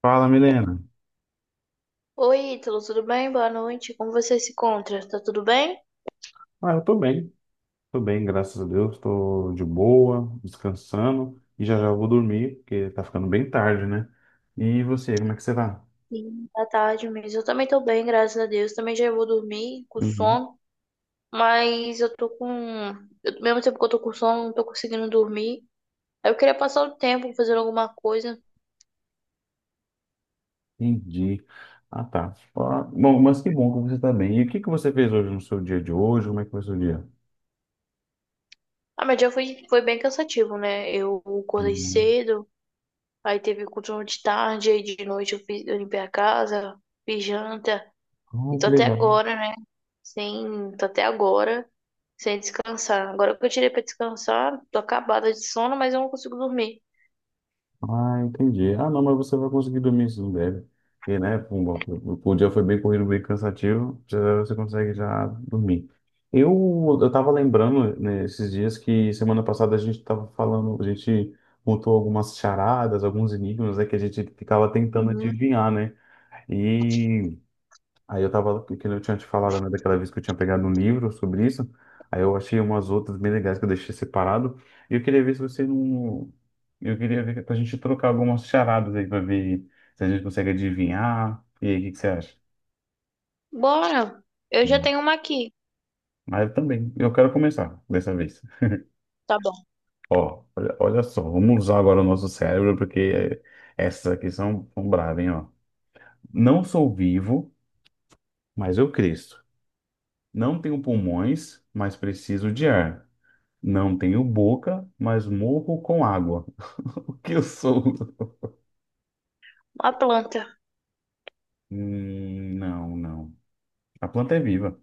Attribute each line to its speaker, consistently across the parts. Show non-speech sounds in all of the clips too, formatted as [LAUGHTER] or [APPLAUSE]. Speaker 1: Fala, Milena.
Speaker 2: Oi, Ítalo, tudo bem? Boa noite. Como você se encontra? Tá tudo bem?
Speaker 1: Ah, eu tô bem, graças a Deus, tô de boa, descansando e já já eu vou dormir, porque tá ficando bem tarde, né? E você, como é que você tá?
Speaker 2: Sim, tá tarde mesmo. Eu também tô bem, graças a Deus. Também já vou dormir com
Speaker 1: Uhum,
Speaker 2: sono, mas eu tô com. Ao mesmo tempo que eu tô com sono, não tô conseguindo dormir. Aí eu queria passar o tempo fazendo alguma coisa.
Speaker 1: entendi. Ah, tá. Ah, bom, mas que bom que você tá bem. E o que que você fez hoje no seu dia de hoje? Como é que foi o seu dia?
Speaker 2: Ah, meu dia foi, foi bem cansativo, né? Eu acordei
Speaker 1: Hum.
Speaker 2: cedo, aí teve coturno de tarde, aí de noite eu fiz, eu limpei a casa, fiz janta, e
Speaker 1: Ah,
Speaker 2: tô
Speaker 1: que
Speaker 2: até
Speaker 1: legal.
Speaker 2: agora, né? Sim, tô até agora sem descansar. Agora que eu tirei pra descansar, tô acabada de sono, mas eu não consigo dormir.
Speaker 1: Ah, entendi. Ah, não, mas você vai conseguir dormir se não deve. Porque, né, pum, o dia foi bem corrido, bem cansativo, já você consegue já dormir. Eu tava lembrando, né, esses dias que semana passada a gente tava falando, a gente montou algumas charadas, alguns enigmas, né, que a gente ficava tentando
Speaker 2: Uhum.
Speaker 1: adivinhar, né? Aí eu tava, que eu tinha te falado, né, daquela vez que eu tinha pegado um livro sobre isso. Aí eu achei umas outras bem legais que eu deixei separado. E eu queria ver se você não. Eu queria ver pra gente trocar algumas charadas aí pra ver se a gente consegue adivinhar. E aí, o que que você acha?
Speaker 2: Bora! Eu já tenho uma aqui.
Speaker 1: Mas eu também, eu quero começar dessa vez.
Speaker 2: Tá bom.
Speaker 1: Ó, olha, olha só, vamos usar agora o nosso cérebro, porque essas aqui são, são bravas, hein, ó. Não sou vivo, mas eu cresço. Não tenho pulmões, mas preciso de ar. Não tenho boca, mas morro com água. [LAUGHS] O que eu sou?
Speaker 2: A planta.
Speaker 1: Não, não. A planta é viva.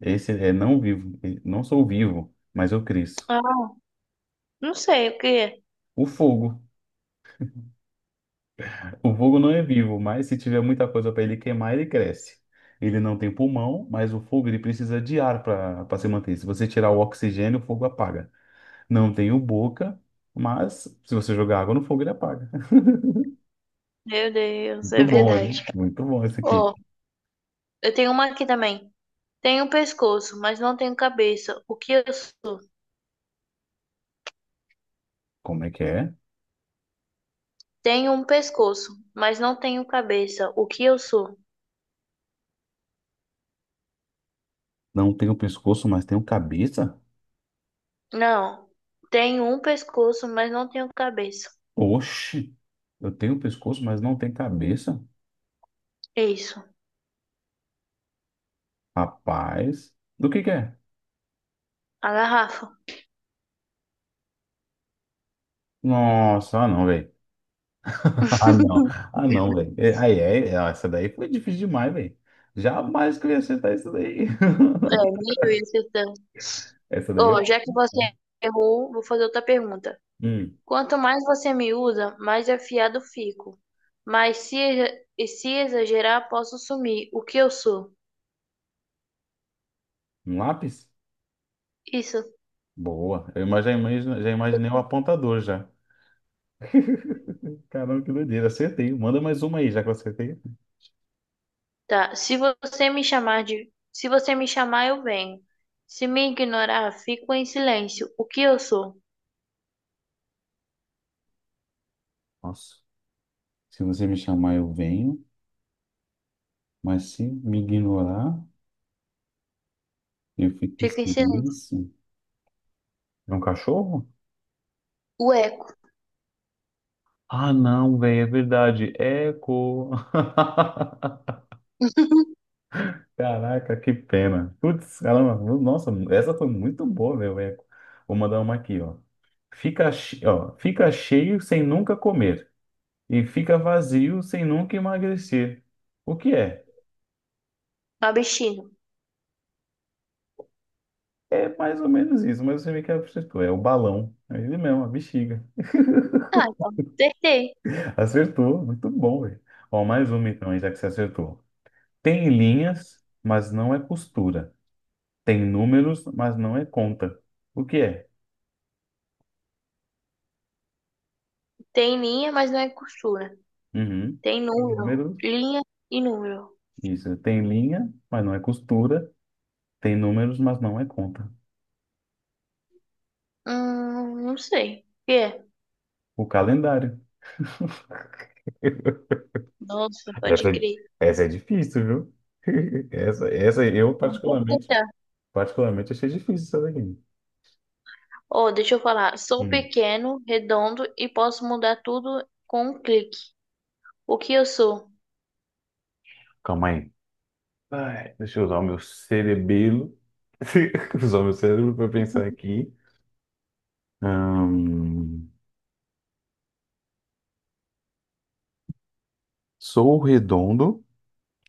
Speaker 1: Esse é não vivo. Não sou vivo, mas eu cresço.
Speaker 2: Ah, não sei o que é.
Speaker 1: O fogo. O fogo não é vivo, mas se tiver muita coisa para ele queimar, ele cresce. Ele não tem pulmão, mas o fogo ele precisa de ar para se manter. Se você tirar o oxigênio, o fogo apaga. Não tenho boca, mas se você jogar água no fogo, ele apaga.
Speaker 2: Meu
Speaker 1: [LAUGHS]
Speaker 2: Deus, é
Speaker 1: Muito bom, hein?
Speaker 2: verdade.
Speaker 1: Muito bom esse aqui.
Speaker 2: Ó, eu tenho uma aqui também. Tenho um pescoço, mas não tenho cabeça. O que eu sou?
Speaker 1: Como é que é?
Speaker 2: Tenho um pescoço, mas não tenho cabeça. O que eu sou?
Speaker 1: Não tenho pescoço, mas tenho cabeça?
Speaker 2: Não. Tenho um pescoço, mas não tenho cabeça.
Speaker 1: Oxe, eu tenho pescoço, mas não tenho cabeça?
Speaker 2: É isso.
Speaker 1: Rapaz, do que é?
Speaker 2: A garrafa.
Speaker 1: Nossa, ah não, velho. [LAUGHS] Ah não, ah não, velho. É, aí, é, é, ó, essa daí foi difícil demais, velho. Jamais que eu ia acertar isso daí. [LAUGHS]
Speaker 2: É, nem eu ia acertar.
Speaker 1: Essa daí
Speaker 2: Oh,
Speaker 1: eu...
Speaker 2: já que você errou, vou fazer outra pergunta.
Speaker 1: Hum,
Speaker 2: Quanto mais você me usa, mais afiado fico. Mas se, e se exagerar, posso sumir. O que eu sou?
Speaker 1: um lápis?
Speaker 2: Isso.
Speaker 1: Boa. Já imagino, já imaginei o apontador já. Caramba, que doideira. Acertei. Manda mais uma aí, já que eu acertei.
Speaker 2: Tá. Se você me chamar de, se você me chamar, eu venho. Se me ignorar, fico em silêncio. O que eu sou?
Speaker 1: Nossa, se você me chamar, eu venho, mas se me ignorar. Eu fico em
Speaker 2: Fico em silêncio.
Speaker 1: silêncio. É um cachorro?
Speaker 2: O eco.
Speaker 1: Ah, não, velho, é verdade. Eco.
Speaker 2: [LAUGHS]
Speaker 1: [LAUGHS] Caraca, que pena. Putz, caramba. Nossa, essa foi muito boa, meu eco. Vou mandar uma aqui, ó. Fica, che- ó. Fica cheio sem nunca comer e fica vazio sem nunca emagrecer. O que é?
Speaker 2: Uma.
Speaker 1: É mais ou menos isso, mas você vê que acertou. É o balão. É ele mesmo, a bexiga.
Speaker 2: Ah, então. Acertei.
Speaker 1: [LAUGHS] Acertou. Muito bom, velho. Ó, mais uma então, aí, já que você acertou. Tem linhas, mas não é costura. Tem números, mas não é conta. O que é?
Speaker 2: Tem linha, mas não é costura.
Speaker 1: Uhum.
Speaker 2: Tem
Speaker 1: Tem
Speaker 2: número.
Speaker 1: números,
Speaker 2: Linha e número.
Speaker 1: isso. Tem linha, mas não é costura. Tem números, mas não é conta.
Speaker 2: Não sei. O que é?
Speaker 1: O calendário. [LAUGHS]
Speaker 2: Nossa, pode
Speaker 1: Essa, é-
Speaker 2: crer.
Speaker 1: essa é difícil, viu? [LAUGHS] Essa eu particularmente, particularmente achei difícil essa daqui.
Speaker 2: Oh, deixa eu falar. Sou
Speaker 1: Hum,
Speaker 2: pequeno, redondo e posso mudar tudo com um clique. O que eu sou?
Speaker 1: calma aí. Ai, deixa eu usar o meu cerebelo. [LAUGHS] Usar o meu cérebro para pensar aqui. Ahn, sou redondo.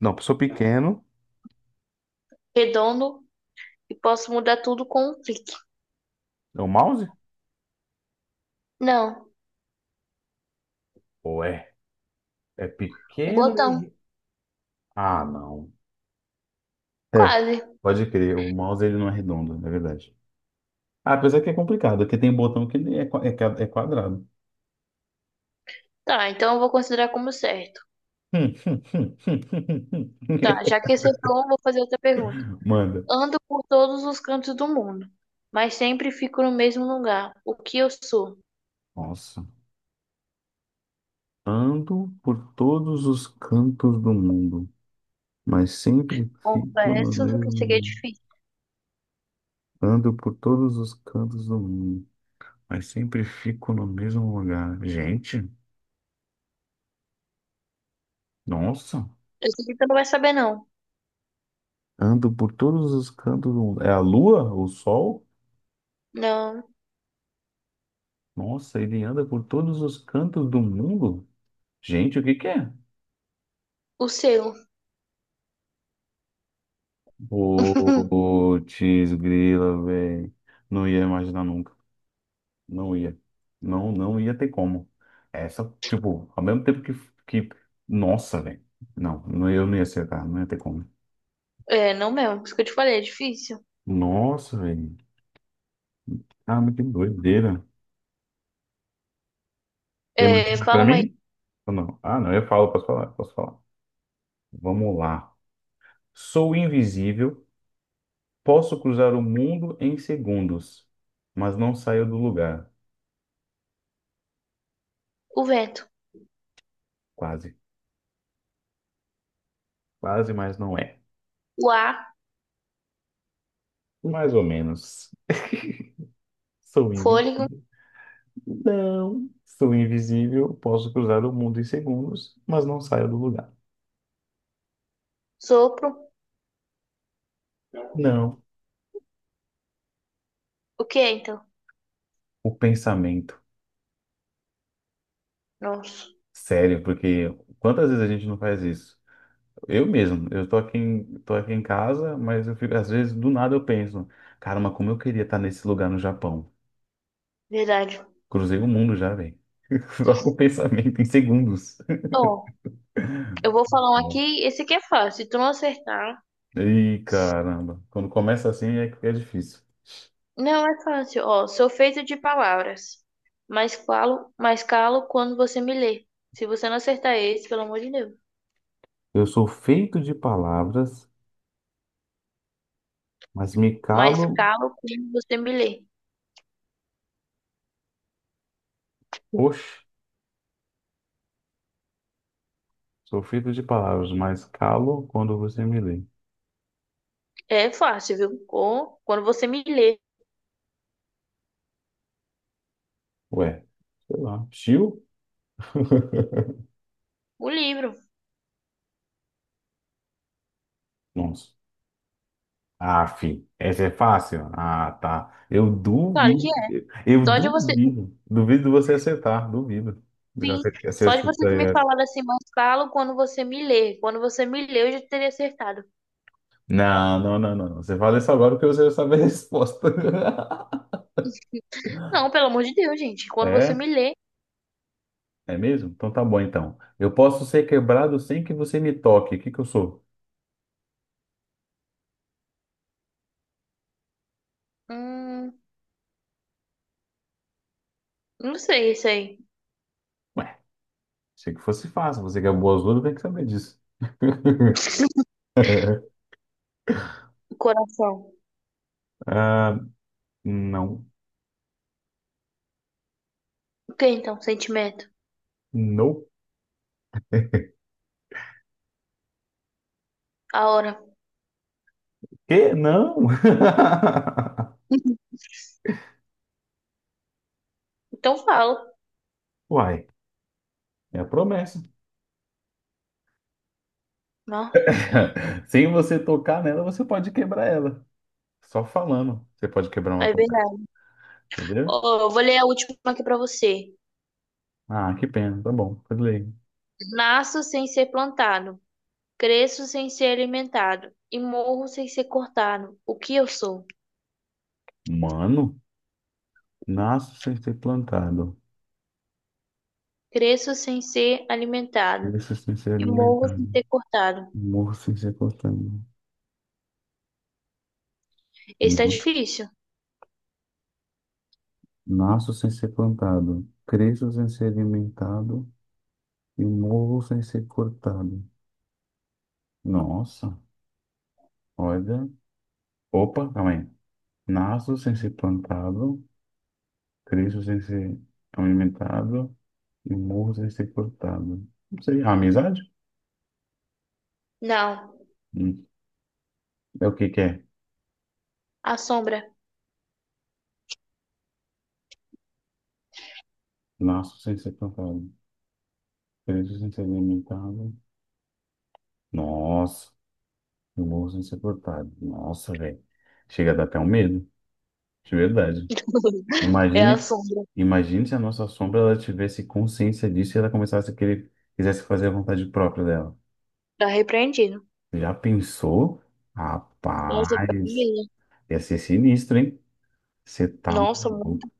Speaker 1: Não, eu sou pequeno.
Speaker 2: Redondo e posso mudar tudo com um clique.
Speaker 1: É o mouse?
Speaker 2: Não,
Speaker 1: Ou é? É
Speaker 2: um
Speaker 1: pequeno
Speaker 2: botão.
Speaker 1: e. Ah, não. É,
Speaker 2: Quase.
Speaker 1: pode crer. O mouse ele não é redondo, na verdade. Ah, apesar que é complicado, porque tem botão que ele é, é quadrado.
Speaker 2: Tá, então eu vou considerar como certo.
Speaker 1: Hum, hum, hum, hum, hum, hum, hum.
Speaker 2: Tá, já
Speaker 1: [LAUGHS]
Speaker 2: que acertou, eu vou fazer outra pergunta.
Speaker 1: Manda.
Speaker 2: Ando por todos os cantos do mundo, mas sempre fico no mesmo lugar. O que eu sou?
Speaker 1: Nossa. Ando por todos os cantos do mundo, mas sempre fico no
Speaker 2: Confesso que isso aqui é
Speaker 1: mesmo.
Speaker 2: difícil.
Speaker 1: Ando por todos os cantos do mundo, mas sempre fico no mesmo lugar. Gente, nossa.
Speaker 2: Esse aqui tu não vai saber, não.
Speaker 1: Ando por todos os cantos do mundo. É a lua? O sol?
Speaker 2: Não,
Speaker 1: Nossa, ele anda por todos os cantos do mundo? Gente, o que que é?
Speaker 2: o seu. [LAUGHS]
Speaker 1: Putz, grila, velho. Não ia imaginar nunca. Não ia. Não, não ia ter como. Essa, tipo, ao mesmo tempo que... Nossa, velho. Não, não, eu não ia acertar. Não ia ter como.
Speaker 2: É, não mesmo. Isso que eu te falei, é difícil.
Speaker 1: Nossa, velho. Ah, mas que doideira. Tem mais
Speaker 2: É,
Speaker 1: uma pra
Speaker 2: falam aí.
Speaker 1: mim? Ou não? Ah, não, eu falo, posso falar, posso falar. Vamos lá. Sou invisível. Posso cruzar o mundo em segundos, mas não saio do lugar.
Speaker 2: O vento.
Speaker 1: Quase. Quase, mas não é.
Speaker 2: O ar.
Speaker 1: Mais ou menos. Sou invi...
Speaker 2: Fôlego.
Speaker 1: Não. Sou invisível, posso cruzar o mundo em segundos, mas não saio do lugar.
Speaker 2: Sopro.
Speaker 1: Não.
Speaker 2: O que é, então?
Speaker 1: O pensamento.
Speaker 2: Nossa,
Speaker 1: Sério, porque quantas vezes a gente não faz isso? Eu mesmo, eu tô aqui em casa, mas eu fico, às vezes do nada eu penso, cara, mas como eu queria estar nesse lugar no Japão.
Speaker 2: verdade.
Speaker 1: Cruzei o mundo já, velho. [LAUGHS] Só com o pensamento em segundos.
Speaker 2: Ó, eu vou falar um aqui. Esse aqui é fácil. Se tu não acertar.
Speaker 1: Ih, caramba. Quando começa assim é, que é difícil.
Speaker 2: Não é fácil. Ó, sou feito de palavras. Mas falo, mas calo quando você me lê. Se você não acertar esse, pelo amor de Deus.
Speaker 1: Eu sou feito de palavras, mas me
Speaker 2: Mas
Speaker 1: calo.
Speaker 2: calo quando você me lê.
Speaker 1: Oxe, sou feito de palavras, mas calo quando você me lê.
Speaker 2: É fácil, viu? Ou quando você me lê
Speaker 1: Ué, sei lá. Chiu? [LAUGHS]
Speaker 2: o livro.
Speaker 1: Nossa. Ah, fi, essa é fácil? Ah, tá. Eu
Speaker 2: Claro que
Speaker 1: duvido.
Speaker 2: é.
Speaker 1: Eu
Speaker 2: Só de você.
Speaker 1: duvido. Duvido de você acertar, duvido.
Speaker 2: Sim,
Speaker 1: Você
Speaker 2: só de você
Speaker 1: acertar
Speaker 2: ter me
Speaker 1: essa.
Speaker 2: falado assim, mas falo quando você me lê. Quando você me lê, eu já teria acertado.
Speaker 1: Não, não, não, não. Não. Você fala isso agora porque você já sabe a resposta. [LAUGHS]
Speaker 2: Não, pelo amor de Deus, gente. Quando você
Speaker 1: É?
Speaker 2: me lê,
Speaker 1: É mesmo? Então tá bom, então. Eu posso ser quebrado sem que você me toque. O que que eu sou?
Speaker 2: hum, não sei isso aí.
Speaker 1: Ué, achei que fosse fácil. Você que é boa azul, tem que saber disso. [LAUGHS]
Speaker 2: Coração.
Speaker 1: Ah, não.
Speaker 2: O que então? Sentimento.
Speaker 1: Não.
Speaker 2: A hora.
Speaker 1: Quê? Não! [LAUGHS]
Speaker 2: Então falo.
Speaker 1: Uai, é a promessa.
Speaker 2: Não,
Speaker 1: [LAUGHS] Sem você tocar nela, você pode quebrar ela. Só falando, você pode quebrar uma
Speaker 2: é
Speaker 1: promessa,
Speaker 2: verdade.
Speaker 1: entendeu?
Speaker 2: Ó, eu vou ler a última aqui pra você.
Speaker 1: Ah, que pena. Tá bom, tudo bem.
Speaker 2: Nasço sem ser plantado, cresço sem ser alimentado e morro sem ser cortado. O que eu sou?
Speaker 1: Mano, nasço sem ser plantado.
Speaker 2: Cresço sem ser alimentado
Speaker 1: Cresço sem ser
Speaker 2: e morro sem
Speaker 1: alimentado.
Speaker 2: ser cortado.
Speaker 1: Morro sem ser cortado.
Speaker 2: Esse tá
Speaker 1: Mo-
Speaker 2: difícil.
Speaker 1: Nasço sem ser plantado, cresço sem ser alimentado e morro sem ser cortado. Nossa, olha. Opa, calma aí. Nasço sem ser plantado, cresço sem ser alimentado e morro sem ser cortado. Não sei, a amizade?
Speaker 2: Não.
Speaker 1: Hum, É o que que é?
Speaker 2: A sombra.
Speaker 1: Nasço sem ser plantado, cresço sem ser alimentado. Nossa, e morro sem ser cortado. Nossa, velho. Chega a dar até um medo, de verdade.
Speaker 2: [LAUGHS] É a
Speaker 1: Imagine,
Speaker 2: sombra.
Speaker 1: imagine se a nossa sombra ela tivesse consciência disso e ela começasse a querer, quisesse fazer a vontade própria dela.
Speaker 2: Tá repreendido.
Speaker 1: Já pensou?
Speaker 2: Nossa, pra mim,
Speaker 1: Rapaz,
Speaker 2: né?
Speaker 1: ia ser sinistro, hein? Você tá
Speaker 2: Nossa, muito
Speaker 1: maluco,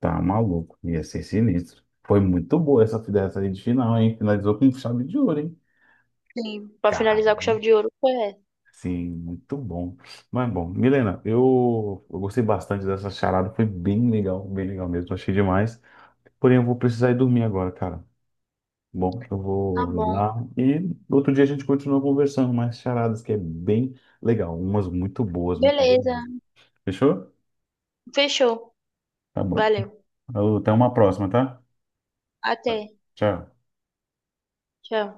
Speaker 1: tá maluco. Ia ser sinistro. Foi muito boa essa fidelização aí de final, hein? Finalizou com um chave de ouro, hein?
Speaker 2: bem. Pra
Speaker 1: Cara,
Speaker 2: finalizar com chave de ouro, foi essa.
Speaker 1: sim, muito bom. Mas bom, Milena, eu gostei bastante dessa charada. Foi bem legal mesmo. Achei demais. Porém, eu vou precisar ir dormir agora, cara. Bom, eu
Speaker 2: Tá
Speaker 1: vou ir
Speaker 2: bom.
Speaker 1: lá e outro dia a gente continua conversando mais charadas, que é bem legal. Umas muito boas, muito boas.
Speaker 2: Beleza.
Speaker 1: Mesmo. Fechou?
Speaker 2: Fechou.
Speaker 1: Tá bom.
Speaker 2: Valeu.
Speaker 1: Alô, até uma próxima, tá?
Speaker 2: Até.
Speaker 1: Tchau.
Speaker 2: Tchau.